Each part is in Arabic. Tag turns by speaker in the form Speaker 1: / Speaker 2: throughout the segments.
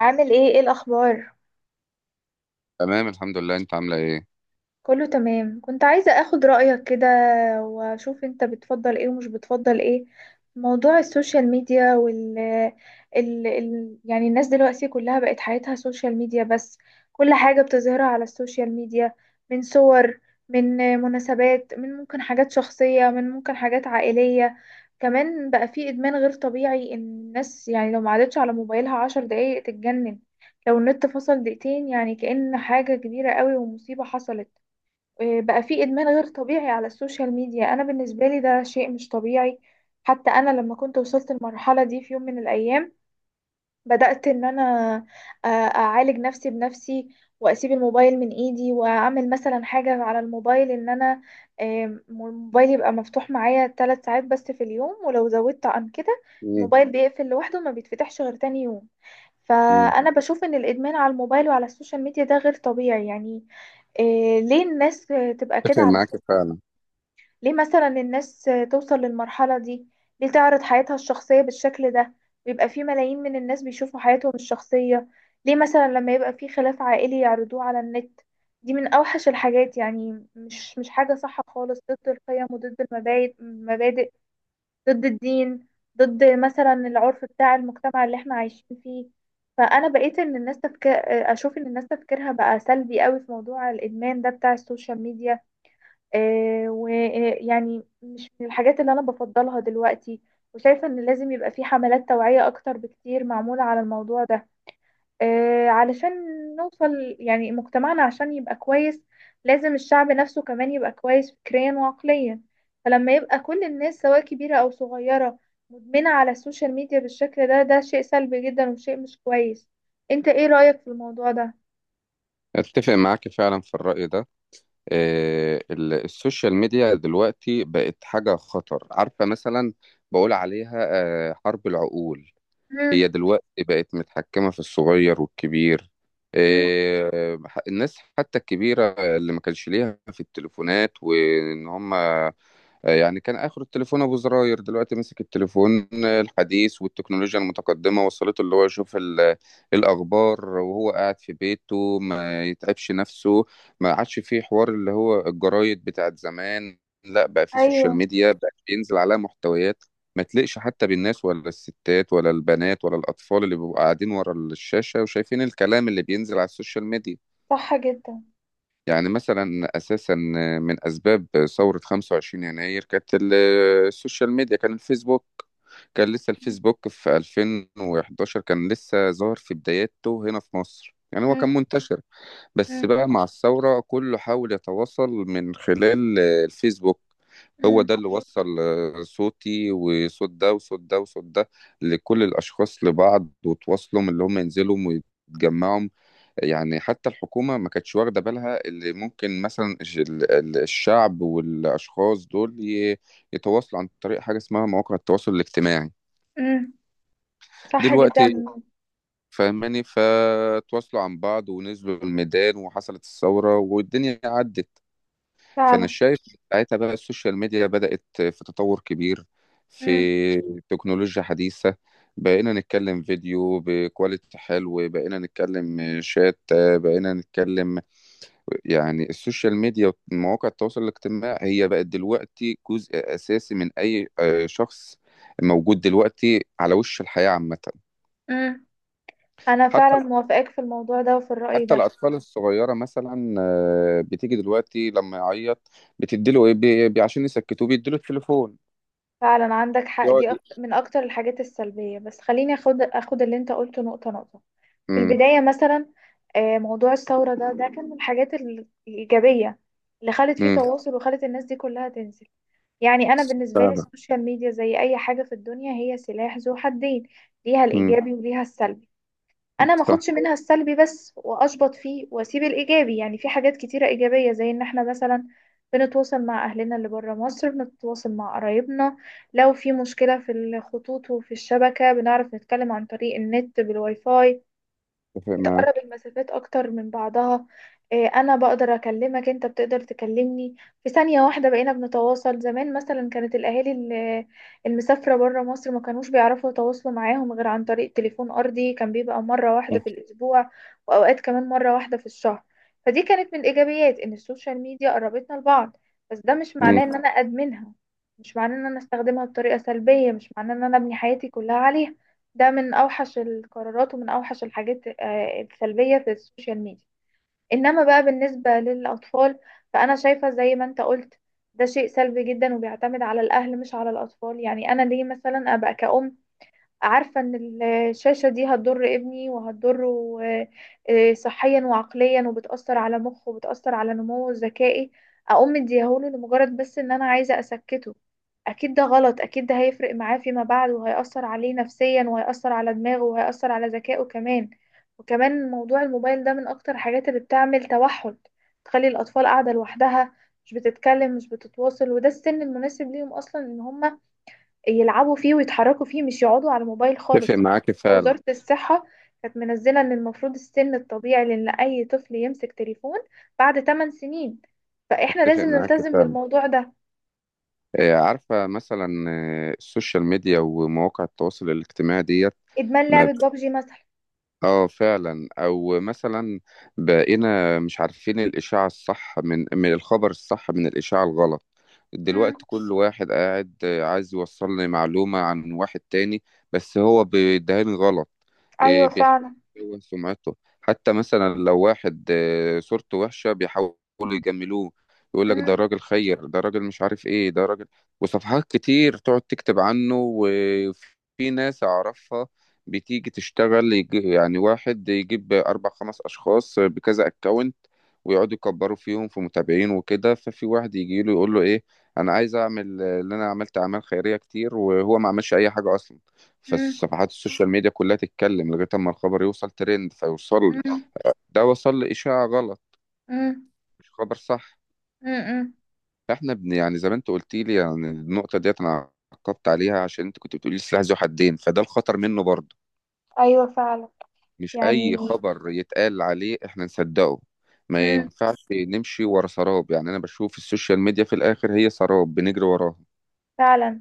Speaker 1: عامل ايه الاخبار.
Speaker 2: تمام، الحمد لله. انت عامله ايه؟
Speaker 1: كله تمام، كنت عايزة اخد رأيك كده، واشوف انت بتفضل ايه ومش بتفضل ايه في موضوع السوشيال ميديا يعني الناس دلوقتي كلها بقت حياتها سوشيال ميديا بس، كل حاجة بتظهرها على السوشيال ميديا، من صور، من مناسبات، من ممكن حاجات شخصية، من ممكن حاجات عائلية. كمان بقى في ادمان غير طبيعي، ان الناس يعني لو ما عادتش على موبايلها عشر دقايق تتجنن، لو النت فصل دقيقتين يعني كأن حاجة كبيرة قوي ومصيبة حصلت. بقى في ادمان غير طبيعي على السوشيال ميديا. انا بالنسبة لي ده شيء مش طبيعي. حتى انا لما كنت وصلت المرحلة دي في يوم من الايام، بدأت إن أنا أعالج نفسي بنفسي، وأسيب الموبايل من إيدي، وأعمل مثلا حاجة على الموبايل إن أنا الموبايل يبقى مفتوح معايا ثلاث ساعات بس في اليوم، ولو زودت عن كده
Speaker 2: مم.
Speaker 1: الموبايل بيقفل لوحده، ما بيتفتحش غير تاني يوم.
Speaker 2: مم.
Speaker 1: فأنا بشوف إن الإدمان على الموبايل وعلى السوشيال ميديا ده غير طبيعي يعني. ليه الناس تبقى
Speaker 2: اتفق
Speaker 1: كده على،
Speaker 2: معاك فعلا.
Speaker 1: ليه مثلا الناس توصل للمرحلة دي، ليه تعرض حياتها الشخصية بالشكل ده، ويبقى في ملايين من الناس بيشوفوا حياتهم الشخصية. ليه مثلا لما يبقى في خلاف عائلي يعرضوه على النت؟ دي من أوحش الحاجات، يعني مش حاجة صح خالص، ضد القيم وضد المبادئ المبادئ، ضد الدين، ضد مثلا العرف بتاع المجتمع اللي احنا عايشين فيه. فأنا بقيت إن الناس تفكر، أشوف إن الناس تفكيرها بقى سلبي قوي في موضوع الإدمان ده بتاع السوشيال ميديا. ويعني مش من الحاجات اللي أنا بفضلها دلوقتي، وشايفة إن لازم يبقى في حملات توعية أكتر بكتير معمولة على الموضوع ده. علشان نوصل، يعني مجتمعنا عشان يبقى كويس لازم الشعب نفسه كمان يبقى كويس فكريا وعقليا. فلما يبقى كل الناس سواء كبيرة أو صغيرة مدمنة على السوشيال ميديا بالشكل ده، ده شيء سلبي جدا وشيء مش كويس. انت ايه رأيك في الموضوع ده؟
Speaker 2: اتفق معاك فعلا في الرأي ده. السوشيال ميديا دلوقتي بقت حاجة خطر، عارفة؟ مثلا بقول عليها حرب العقول. هي
Speaker 1: مم.
Speaker 2: دلوقتي بقت متحكمة في الصغير والكبير.
Speaker 1: مم.
Speaker 2: الناس حتى الكبيرة اللي ما كانش ليها في التليفونات وان هم، يعني كان آخر التليفون أبو زراير. دلوقتي ماسك التليفون، الحديث والتكنولوجيا المتقدمة وصلته. اللي هو يشوف الأخبار وهو قاعد في بيته ما يتعبش نفسه. ما عادش فيه حوار اللي هو الجرايد بتاعت زمان، لا بقى فيه سوشيال
Speaker 1: ايوه،
Speaker 2: ميديا بقى بينزل عليها محتويات ما تليقش حتى بالناس، ولا الستات، ولا البنات، ولا الأطفال اللي بيبقوا قاعدين ورا الشاشة وشايفين الكلام اللي بينزل على السوشيال ميديا.
Speaker 1: صح جدا.
Speaker 2: يعني مثلا اساسا من اسباب ثوره 25 يناير كانت السوشيال ميديا، كان الفيسبوك. كان لسه الفيسبوك في 2011، كان لسه ظاهر في بداياته هنا في مصر، يعني هو
Speaker 1: مم.
Speaker 2: كان منتشر
Speaker 1: مم.
Speaker 2: بس بقى مع الثوره. كله حاول يتواصل من خلال الفيسبوك. هو
Speaker 1: مم.
Speaker 2: ده اللي وصل صوتي وصوت ده وصوت ده وصوت ده لكل الاشخاص لبعض، وتواصلهم اللي هم ينزلوا ويتجمعوا. يعني حتى الحكومة ما كانتش واخدة بالها اللي ممكن مثلا الشعب والأشخاص دول يتواصلوا عن طريق حاجة اسمها مواقع التواصل الاجتماعي.
Speaker 1: امم، صح
Speaker 2: دلوقتي
Speaker 1: جدا.
Speaker 2: فاهماني؟ فتواصلوا عن بعض ونزلوا الميدان وحصلت الثورة والدنيا عدت. فأنا
Speaker 1: فعلا.
Speaker 2: شايف ساعتها بقى السوشيال ميديا بدأت في تطور كبير،
Speaker 1: امم.
Speaker 2: في تكنولوجيا حديثة. بقينا نتكلم فيديو بكواليتي حلو، بقينا نتكلم شات، بقينا نتكلم. يعني السوشيال ميديا ومواقع التواصل الاجتماعي هي بقت دلوقتي جزء أساسي من أي شخص موجود دلوقتي على وش الحياة عامة.
Speaker 1: امم، انا
Speaker 2: حتى
Speaker 1: فعلا موافقاك في الموضوع ده وفي الرأي
Speaker 2: حتى
Speaker 1: ده.
Speaker 2: الأطفال الصغيرة، مثلا بتيجي دلوقتي لما يعيط بتديله إيه؟ عشان يسكتوه بيديله التليفون
Speaker 1: فعلا عندك حق،
Speaker 2: يقعد.
Speaker 1: دي من اكتر الحاجات السلبية. بس خليني اخد اللي انت قلته نقطة نقطة. في
Speaker 2: امم.
Speaker 1: البداية مثلا، موضوع الثورة ده، ده كان من الحاجات الإيجابية اللي خلت فيه
Speaker 2: امم.
Speaker 1: تواصل وخلت الناس دي كلها تنزل. يعني انا بالنسبة لي
Speaker 2: فعلا.
Speaker 1: السوشيال ميديا زي اي حاجة في الدنيا، هي سلاح ذو حدين، ليها
Speaker 2: امم.
Speaker 1: الإيجابي وليها السلبي. انا ما
Speaker 2: صح.
Speaker 1: اخدش منها السلبي بس واشبط فيه واسيب الايجابي، يعني في حاجات كتيره ايجابيه زي ان احنا مثلا بنتواصل مع اهلنا اللي بره مصر، بنتواصل مع قرايبنا. لو في مشكله في الخطوط وفي الشبكه بنعرف نتكلم عن طريق النت بالواي فاي،
Speaker 2: اتفق
Speaker 1: بتقرب
Speaker 2: معاك.
Speaker 1: المسافات اكتر من بعضها. انا بقدر اكلمك، انت بتقدر تكلمني في ثانية واحدة، بقينا بنتواصل. زمان مثلا كانت الاهالي المسافرة برا مصر ما كانوش بيعرفوا يتواصلوا معاهم غير عن طريق تليفون ارضي، كان بيبقى مرة واحدة في الاسبوع، واوقات كمان مرة واحدة في الشهر. فدي كانت من الايجابيات، ان السوشيال ميديا قربتنا لبعض. بس ده مش
Speaker 2: امم.
Speaker 1: معناه ان انا ادمنها، مش معناه ان انا استخدمها بطريقة سلبية، مش معناه ان انا ابني حياتي كلها عليها. ده من اوحش القرارات ومن اوحش الحاجات السلبيه في السوشيال ميديا. انما بقى بالنسبه للاطفال، فانا شايفه زي ما انت قلت ده شيء سلبي جدا، وبيعتمد على الاهل مش على الاطفال. يعني انا ليه مثلا ابقى كأم عارفة ان الشاشة دي هتضر ابني وهتضره صحيا وعقليا، وبتأثر على مخه وبتأثر على نموه الذكائي، اقوم مديهوله لمجرد بس ان انا عايزة اسكته؟ اكيد ده غلط، اكيد ده هيفرق معاه فيما بعد، وهيأثر عليه نفسيا، وهيأثر على دماغه، وهيأثر على ذكائه كمان. وكمان موضوع الموبايل ده من اكتر الحاجات اللي بتعمل توحد، تخلي الاطفال قاعدة لوحدها، مش بتتكلم مش بتتواصل، وده السن المناسب ليهم اصلا ان هما يلعبوا فيه ويتحركوا فيه، مش يقعدوا على الموبايل
Speaker 2: اتفق
Speaker 1: خالص.
Speaker 2: معاك فعلا.
Speaker 1: وزارة الصحة كانت منزلة ان المفروض السن الطبيعي لان اي طفل يمسك تليفون بعد 8 سنين، فاحنا
Speaker 2: اتفق
Speaker 1: لازم
Speaker 2: معاك
Speaker 1: نلتزم
Speaker 2: فعلا.
Speaker 1: بالموضوع ده.
Speaker 2: عارفة مثلا السوشيال ميديا ومواقع التواصل الاجتماعي ديت
Speaker 1: ادمان
Speaker 2: ما.
Speaker 1: لعبة بابجي مثلا.
Speaker 2: اه، فعلا. او مثلا بقينا مش عارفين الاشاعة الصح من الخبر الصح من الاشاعة الغلط.
Speaker 1: امم.
Speaker 2: دلوقتي كل واحد قاعد عايز يوصل لي معلومة عن واحد تاني بس هو بيدهني غلط.
Speaker 1: ايوه،
Speaker 2: بيحاول
Speaker 1: فعلا.
Speaker 2: يكون سمعته. حتى مثلا لو واحد صورته وحشة بيحاولوا يجملوه، يقول لك ده
Speaker 1: امم.
Speaker 2: راجل خير، ده راجل مش عارف ايه، ده راجل، وصفحات كتير تقعد تكتب عنه. وفي ناس اعرفها بتيجي تشتغل، يجي يعني واحد يجيب أربع خمس أشخاص بكذا أكونت ويقعدوا يكبروا فيهم في متابعين وكده. ففي واحد يجي له يقول له إيه، أنا عايز أعمل اللي أنا عملت أعمال خيرية كتير، وهو ما عملش أي حاجة أصلا.
Speaker 1: امم.
Speaker 2: فالصفحات السوشيال ميديا كلها تتكلم لغاية أما الخبر يوصل ترند فيوصل لي.
Speaker 1: امم.
Speaker 2: ده وصل لي إشاعة غلط،
Speaker 1: امم.
Speaker 2: مش خبر صح.
Speaker 1: امم.
Speaker 2: فإحنا يعني زي ما أنت قلت لي، يعني النقطة ديت أنا عقبت عليها عشان أنت كنت بتقولي السلاح ذو حدين، فده الخطر منه برضه.
Speaker 1: ايوه، فعلا.
Speaker 2: مش اي
Speaker 1: يعني.
Speaker 2: خبر يتقال عليه احنا نصدقه. ما
Speaker 1: امم.
Speaker 2: ينفعش نمشي ورا سراب. يعني انا بشوف السوشيال ميديا في الاخر هي سراب بنجري وراها.
Speaker 1: فعلا.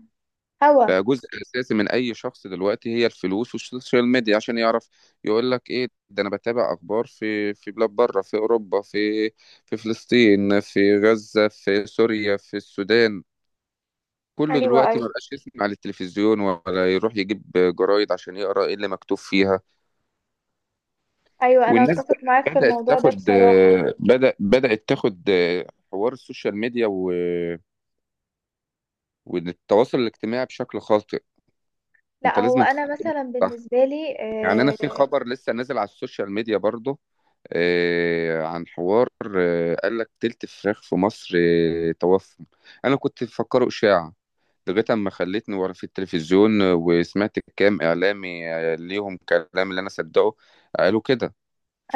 Speaker 1: هوا.
Speaker 2: بقى جزء اساسي من اي شخص دلوقتي هي الفلوس والسوشيال ميديا، عشان يعرف يقول لك ايه ده. انا بتابع اخبار في بلاد بره، في اوروبا، في فلسطين، في غزة، في سوريا، في السودان. كله
Speaker 1: ايوه.
Speaker 2: دلوقتي
Speaker 1: ايوه.
Speaker 2: ما بقاش يسمع على التلفزيون، ولا يروح يجيب جرايد عشان يقرا ايه اللي مكتوب فيها.
Speaker 1: ايوه، انا
Speaker 2: والناس
Speaker 1: اتفق معاك في الموضوع ده بصراحة.
Speaker 2: بدأت تاخد حوار السوشيال ميديا والتواصل الاجتماعي بشكل خاطئ.
Speaker 1: لا،
Speaker 2: انت
Speaker 1: هو
Speaker 2: لازم
Speaker 1: انا
Speaker 2: تستخدمه
Speaker 1: مثلا
Speaker 2: صح.
Speaker 1: بالنسبة لي
Speaker 2: يعني انا في خبر لسه نازل على السوشيال ميديا برضه، عن حوار، قال لك تلت فراخ في مصر توفى. انا كنت مفكره اشاعة
Speaker 1: آه،
Speaker 2: لغايه اما خلتني ورا في التلفزيون، وسمعت كام اعلامي ليهم كلام اللي انا صدقه قالوا كده.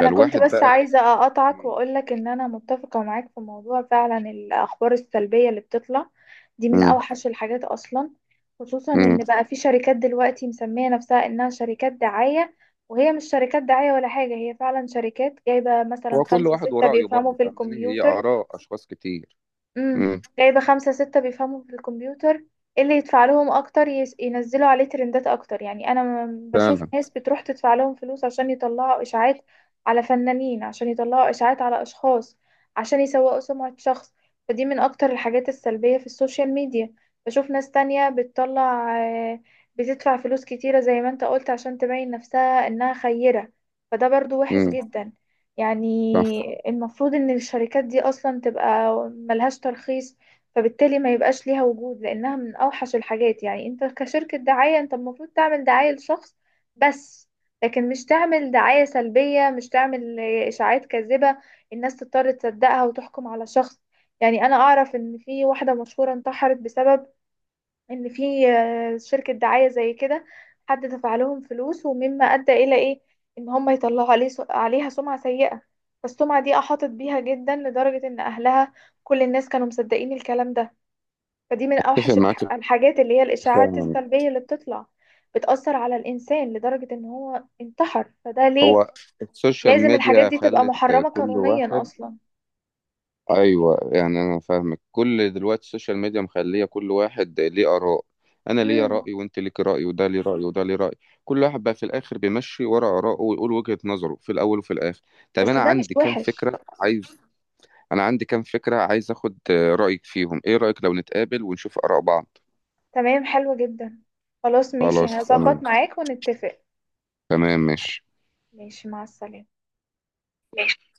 Speaker 1: انا كنت بس
Speaker 2: بقى.
Speaker 1: عايزة اقطعك
Speaker 2: مم.
Speaker 1: واقولك ان انا متفقة معاك في موضوع فعلا الاخبار السلبية اللي بتطلع، دي من اوحش الحاجات اصلا. خصوصا
Speaker 2: مم.
Speaker 1: ان بقى في شركات دلوقتي مسمية نفسها انها شركات دعاية، وهي مش شركات دعاية ولا حاجة. هي فعلا شركات جايبة مثلا
Speaker 2: هو كل
Speaker 1: خمسة
Speaker 2: واحد
Speaker 1: ستة
Speaker 2: ورأيه
Speaker 1: بيفهموا
Speaker 2: برضه،
Speaker 1: في
Speaker 2: فاهماني؟ هي
Speaker 1: الكمبيوتر.
Speaker 2: آراء أشخاص كتير.
Speaker 1: امم.
Speaker 2: امم.
Speaker 1: جايبة خمسة ستة بيفهموا في الكمبيوتر، إيه اللي يدفع لهم أكتر ينزلوا عليه ترندات أكتر. يعني أنا بشوف
Speaker 2: فعلا.
Speaker 1: ناس بتروح تدفع لهم فلوس عشان يطلعوا إشاعات على فنانين، عشان يطلعوا إشاعات على أشخاص، عشان يسوقوا سمعة شخص. فدي من أكتر الحاجات السلبية في السوشيال ميديا. بشوف ناس تانية بتطلع، آه، بتدفع فلوس كتيرة زي ما انت قلت عشان تبين نفسها إنها خيرة، فده برضو وحش
Speaker 2: امم.
Speaker 1: جدا. يعني
Speaker 2: صح.
Speaker 1: المفروض ان الشركات دي اصلا تبقى ملهاش ترخيص، فبالتالي ما يبقاش ليها وجود، لانها من اوحش الحاجات. يعني انت كشركة دعاية انت المفروض تعمل دعاية لشخص بس، لكن مش تعمل دعاية سلبية، مش تعمل اشاعات كاذبة الناس تضطر تصدقها وتحكم على شخص. يعني انا اعرف ان في واحدة مشهورة انتحرت بسبب ان في شركة دعاية زي كده، حد دفع لهم فلوس، ومما ادى الى ايه؟ ان هم يطلعوا عليه عليها سمعة سيئة. فالسمعة دي احاطت بيها جدا لدرجة ان اهلها، كل الناس كانوا مصدقين الكلام ده. فدي من
Speaker 2: أتفق
Speaker 1: اوحش
Speaker 2: معاك
Speaker 1: الحاجات اللي هي الاشاعات
Speaker 2: فعلا.
Speaker 1: السلبية اللي بتطلع، بتأثر على الانسان لدرجة ان هو انتحر، فده ليه
Speaker 2: هو السوشيال
Speaker 1: لازم الحاجات
Speaker 2: ميديا
Speaker 1: دي تبقى
Speaker 2: خلت
Speaker 1: محرمة
Speaker 2: كل
Speaker 1: قانونيا
Speaker 2: واحد.
Speaker 1: اصلا.
Speaker 2: أيوه، يعني أنا فاهمك. كل دلوقتي السوشيال ميديا مخلية كل واحد ليه آراء، أنا ليا
Speaker 1: امم.
Speaker 2: رأي وأنت ليك رأي وده ليه رأي وده ليه رأي. كل واحد بقى في الآخر بيمشي ورا آراءه ويقول وجهة نظره في الأول وفي الآخر. طب
Speaker 1: بس
Speaker 2: أنا
Speaker 1: ده مش
Speaker 2: عندي كام
Speaker 1: وحش.
Speaker 2: فكرة عايز. آخد رأيك فيهم. إيه رأيك لو نتقابل ونشوف آراء بعض؟
Speaker 1: تمام، حلو جدا. خلاص، ماشي،
Speaker 2: خلاص تمام.
Speaker 1: هظبط معاك ونتفق.
Speaker 2: تمام ماشي.
Speaker 1: ماشي، مع السلامة.